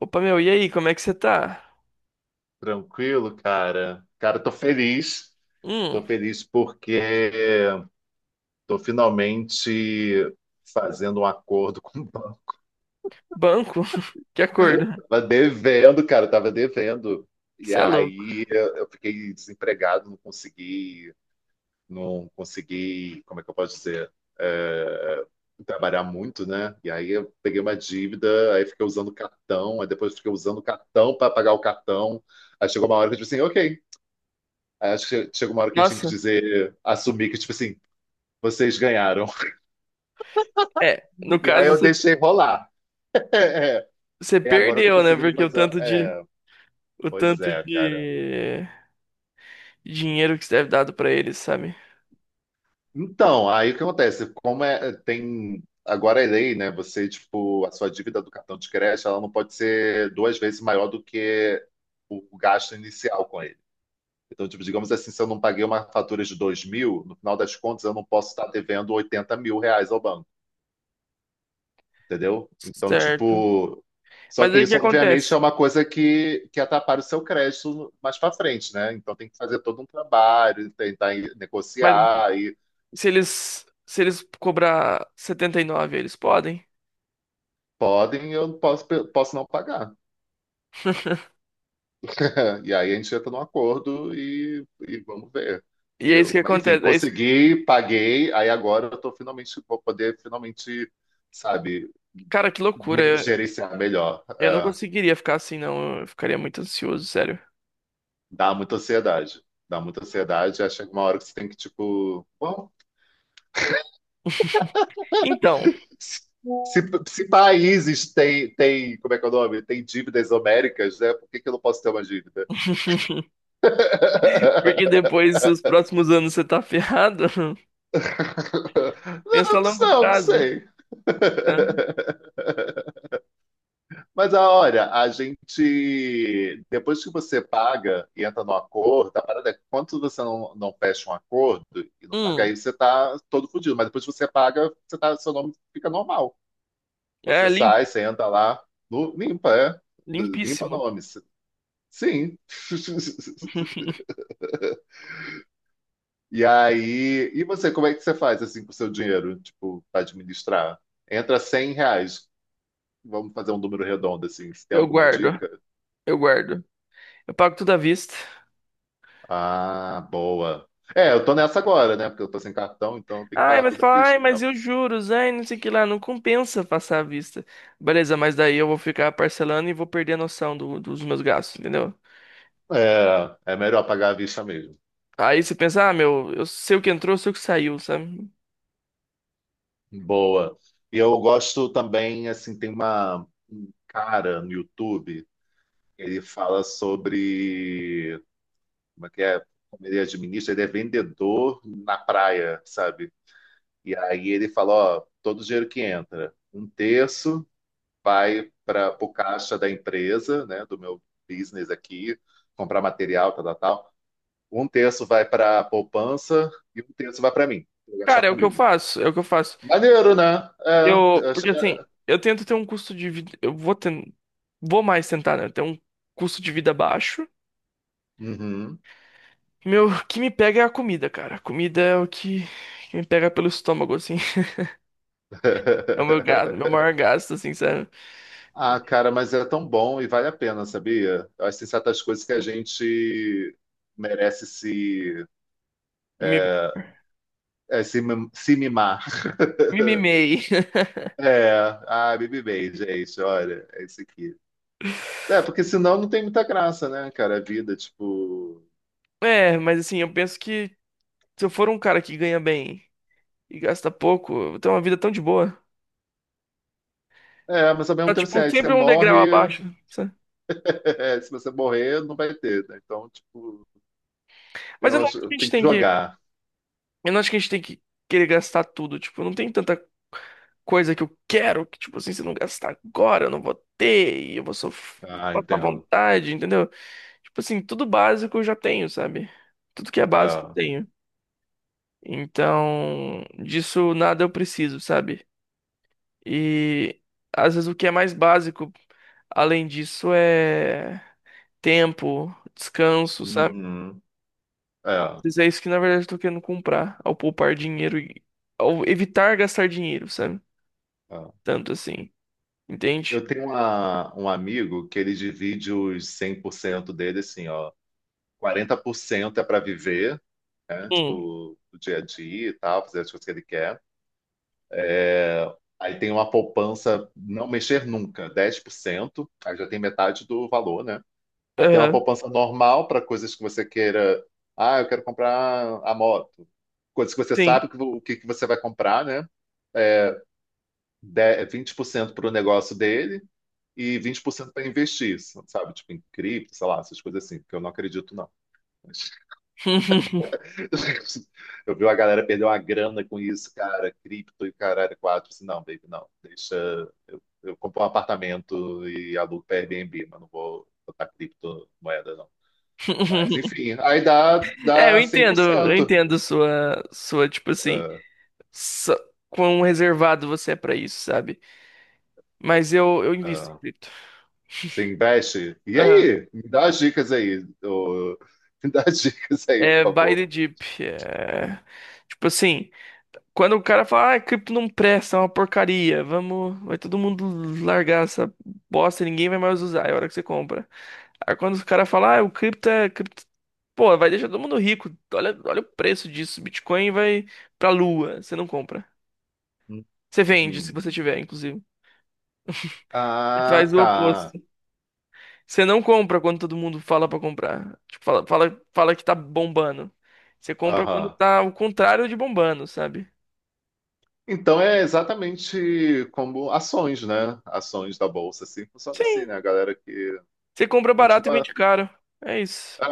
Opa, meu, e aí, como é que você tá? Tranquilo, cara. Cara, tô feliz. Tô Hum, feliz porque tô finalmente fazendo um acordo com o banco. banco? Que acordo? Tava devendo, cara, tava devendo. E Você é louco. aí eu fiquei desempregado, não consegui, não consegui, como é que eu posso dizer? É, trabalhar muito, né? E aí eu peguei uma dívida, aí fiquei usando cartão, aí depois fiquei usando cartão para pagar o cartão. Aí chegou uma hora que eu disse assim, ok. Acho que chega uma hora que a gente tem que Nossa, dizer, assumir que, tipo assim, vocês ganharam. é, no E aí caso eu você deixei rolar. você E agora eu tô perdeu, né? conseguindo Porque o fazer. tanto de É, o pois tanto é, cara. de dinheiro que você deve dado pra eles, sabe? Então, aí o que acontece? Como é, tem. Agora é lei, né? Você, tipo, a sua dívida do cartão de crédito, ela não pode ser duas vezes maior do que o gasto inicial com ele. Então, tipo, digamos assim, se eu não paguei uma fatura de 2.000, no final das contas, eu não posso estar devendo 80 mil reais ao banco. Entendeu? Então, Certo. tipo, só Mas que aí o que isso, obviamente, acontece? é uma coisa que atrapalha o seu crédito mais para frente, né? Então tem que fazer todo um trabalho, tentar Mas negociar e se eles cobrar 79, eles podem? podem, eu não posso, posso não pagar. E aí a gente entra num acordo e vamos ver, E é isso entendeu? que Mas enfim, acontece. Consegui, paguei, aí agora eu tô finalmente, vou poder finalmente, sabe, Cara, que loucura. Gerenciar melhor. Eu não É, conseguiria ficar assim, não. Eu ficaria muito ansioso, sério. dá muita ansiedade. Dá muita ansiedade, aí chega uma hora que você tem que, tipo, bom, Então, Se, se países têm, como é que é o nome? Tem dívidas homéricas, né? Por que que eu não posso ter uma dívida? porque depois, nos próximos anos, você tá ferrado. Pensa a Não, longo não, não prazo, sei. tá? Mas ah, olha, a gente, depois que você paga e entra no acordo, a parada é que quando você não fecha um acordo e não paga, Hum, aí você tá todo fodido. Mas depois que você paga, você tá, seu nome fica normal. é Você limpo, sai, você entra lá, limpa, é. Limpa limpíssimo. nome. Sim. E aí, e você, como é que você faz assim com o seu dinheiro, tipo, para administrar? Entra R$ 100. Vamos fazer um número redondo assim. Você tem Eu alguma guardo, dica? eu guardo. Eu pago tudo à vista. Ah, boa. É, eu tô nessa agora, né? Porque eu tô sem cartão, então eu tenho que Ai, pagar mas tudo à fala, ai, vista mas mesmo. e os juros? Ai, não sei o que lá, não compensa passar à vista. Beleza, mas daí eu vou ficar parcelando e vou perder a noção dos meus gastos, entendeu? É, é melhor pagar à vista mesmo. Aí você pensa, ah, meu, eu sei o que entrou, eu sei o que saiu, sabe? Boa. E eu gosto também, assim, tem uma um cara no YouTube, ele fala sobre como é que é? Como ele administra, ele é vendedor na praia, sabe? E aí ele fala, ó, todo o dinheiro que entra, um terço vai para o caixa da empresa, né, do meu business aqui, comprar material, tal, tal, tal. Um terço vai para a poupança e um terço vai para mim, pra gastar Cara, é o que eu comigo. faço, é o que eu faço. Maneiro, né? É, eu Porque achei- assim, eu tento ter um custo de vida, vou mais tentar, né, ter um custo de vida baixo. Uhum. Meu, o que me pega é a comida, cara. A comida é que me pega pelo estômago, assim. É o meu gasto, meu maior gasto, assim, sabe? Ah, cara, mas é tão bom e vale a pena, sabia? Eu acho que tem certas coisas que a gente merece se, Me, é, se, mim- se mimar. me mimei. É, ah, Baby Base, é isso, olha, é isso aqui. É, porque senão não tem muita graça, né, cara, a vida, tipo... É, mas assim, eu penso que se eu for um cara que ganha bem e gasta pouco, eu vou ter uma vida tão de boa. É, mas ao mesmo Tá, tempo, assim, tipo, aí você sempre um degrau morre, abaixo, sabe? é, se você morrer, não vai ter, né? Então, tipo, Mas eu não acho que a gente tem que tem que jogar. Eu não acho que a gente tem que querer gastar tudo. Tipo, não tem tanta coisa que eu quero que, tipo assim, se eu não gastar agora, eu não vou ter e eu vou sofrer, vou Ah, passar entendo. vontade, entendeu? Tipo assim, tudo básico eu já tenho, sabe? Tudo que é básico eu Ah, tenho. Então, disso nada eu preciso, sabe? E às vezes o que é mais básico, além disso, é tempo, descanso, sabe? uhum. É, Mas é isso que na verdade eu tô querendo comprar, ao poupar dinheiro e ao evitar gastar dinheiro, sabe? é. Tanto assim, entende? Eu tenho um amigo que ele divide os 100% dele, assim, ó, 40% é para viver, né? Hum, Tipo, o dia a dia e tal, fazer as coisas que ele quer. Aí tem uma poupança não mexer nunca, 10% aí já tem metade do valor, né? Aí tem uma aham, poupança normal para coisas que você queira. Ah, eu quero comprar a moto. Coisas que você sim. sabe que, o que, que você vai comprar, né? 20% para o negócio dele e 20% para investir, sabe? Tipo em cripto, sei lá, essas coisas assim, porque eu não acredito, não. Mas eu vi a galera perder uma grana com isso, cara, cripto e caralho, quatro. Eu não, baby, não. Deixa. Eu compro um apartamento e alugo para Airbnb, mas não vou botar criptomoeda, não. Mas, enfim, aí dá, É, dá eu 100%. entendo tipo assim, Ah, só, quão reservado você é pra isso, sabe? Mas eu invisto em ah, cripto. você investe. E Aham. aí? Me dá as dicas aí. Ô, me dá as dicas aí, É por buy favor. the dip. É... Tipo assim, quando o cara fala, ah, cripto não presta, é uma porcaria, vamos, vai todo mundo largar essa bosta, ninguém vai mais usar, é a hora que você compra. Aí quando o cara fala, ah, o cripto é, cripto Pô, vai deixar todo mundo rico. Olha, olha o preço disso. Bitcoin vai pra lua. Você não compra. Hum. Você vende, se você tiver, inclusive. Você Faz Ah, o tá. oposto. Você não compra quando todo mundo fala pra comprar. Tipo, fala que tá bombando. Você compra quando Aham. tá o contrário de bombando, sabe? Então é exatamente como ações, né? Ações da bolsa, assim, funciona assim, Sim. né? A galera que Você compra barato e continua. vende caro. É isso.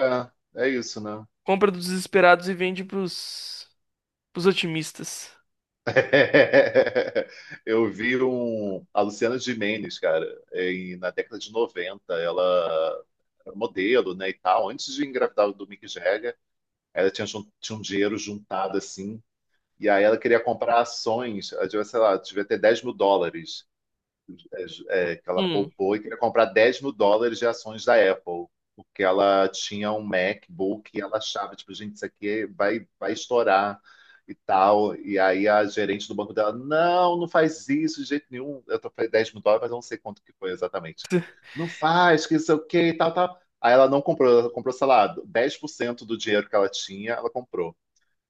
É, é isso, né? Compra dos desesperados e vende pros otimistas. Eu vi um, a Luciana Gimenez, cara, na década de 90, ela era modelo, né, e tal, antes de engravidar do Mick Jagger, ela tinha, tinha um dinheiro juntado, assim, e aí ela queria comprar ações, ela devia, sei lá, devia ter 10 mil dólares, mil dólares é, que ela Hum. poupou e queria comprar US$ 10.000 de ações da Apple, porque ela tinha um MacBook e ela achava, tipo, gente, isso aqui vai estourar e tal. E aí a gerente do banco dela, não faz isso de jeito nenhum. Eu tô falei US$ 10.000, mas eu não sei quanto que foi exatamente. Não faz, que isso é o quê e tal, tal. Aí ela não comprou, ela comprou, sei lá, 10% do dinheiro que ela tinha, ela comprou.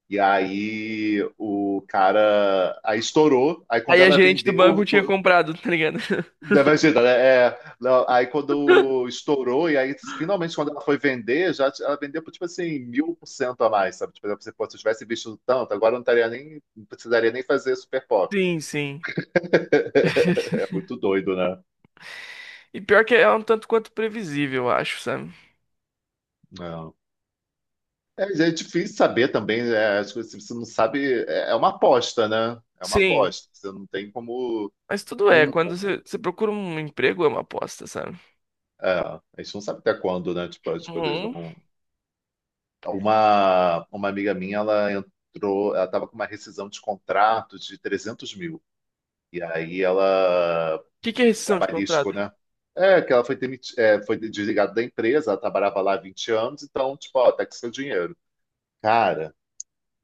E aí o cara aí estourou. Aí quando Aí a ela gerente do vendeu, banco tinha comprado, tá ligado? não, imagina, né? É, não, aí quando estourou, e aí finalmente quando ela foi vender, ela vendeu por tipo assim, 1.000% a mais, sabe? Tipo, se eu tivesse visto tanto, agora eu não estaria nem, não precisaria nem fazer super pop. Sim, sim. É muito doido, né? E pior que é um tanto quanto previsível, eu acho, sabe? Não. É, é difícil saber também, né? As coisas, se você não sabe, é, é uma aposta, né? É uma Sim, aposta. Você não tem como. mas tudo é. Um, Quando você procura um emprego, é uma aposta, sabe? a gente não sabe até quando, né? Tipo, as coisas Uhum. O vão. Uma amiga minha, ela entrou, ela estava com uma rescisão de contrato de 300 mil. E aí ela, que que é rescisão de trabalhístico, contrato? né? É, que ela foi desligada da empresa, ela trabalhava lá há 20 anos, então, tipo, ó, tá com seu dinheiro. Cara,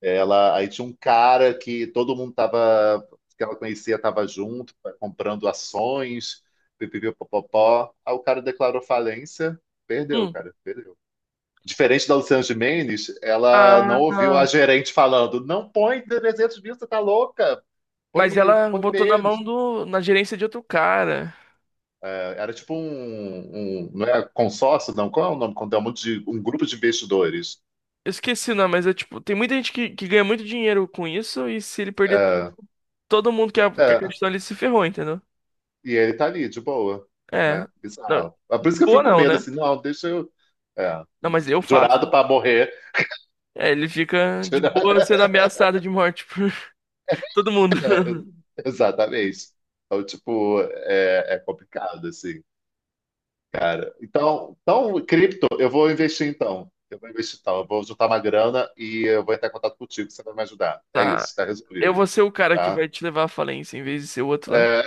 ela, aí tinha um cara que todo mundo tava, que ela conhecia tava junto, comprando ações, pipipipopopó. Aí o cara declarou falência, perdeu, Hum. cara, perdeu. Diferente da Luciana Gimenez, ela não Ah, ouviu a gerente falando: não põe 300 mil, você tá louca, mas põe, ela põe botou na mão menos. do, na gerência de outro cara. É, era tipo um. Não é consórcio, não? Qual é o nome? Quando é um grupo de investidores. Eu esqueci o nome, mas é tipo, tem muita gente que ganha muito dinheiro com isso e se ele perder tudo, É, todo mundo que é, acreditou ele se ferrou, entendeu? e ele tá ali, de boa, né? É. Não, Bizarro. É por de isso que eu boa fico com não, medo, né? assim, não, deixa eu. É, Não, mas eu jurado faço. para morrer. É, ele fica de boa sendo ameaçado de morte por todo mundo. É, exatamente. Então, tipo, é, é complicado, assim. Cara, então, cripto, eu vou investir então. Eu vou investir então. Eu vou juntar uma grana e eu vou entrar em contato contigo, você vai me ajudar. É Tá. isso, tá Eu resolvido, vou ser o cara que tá? vai te levar à falência em vez de ser o outro lá. É,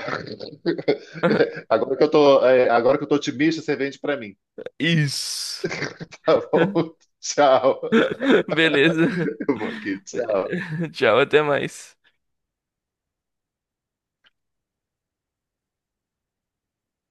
agora que eu tô, é, agora que eu tô otimista, você vende pra mim, Isso. tá bom? Tchau. Beleza. Eu vou aqui, tchau. Tchau, até mais.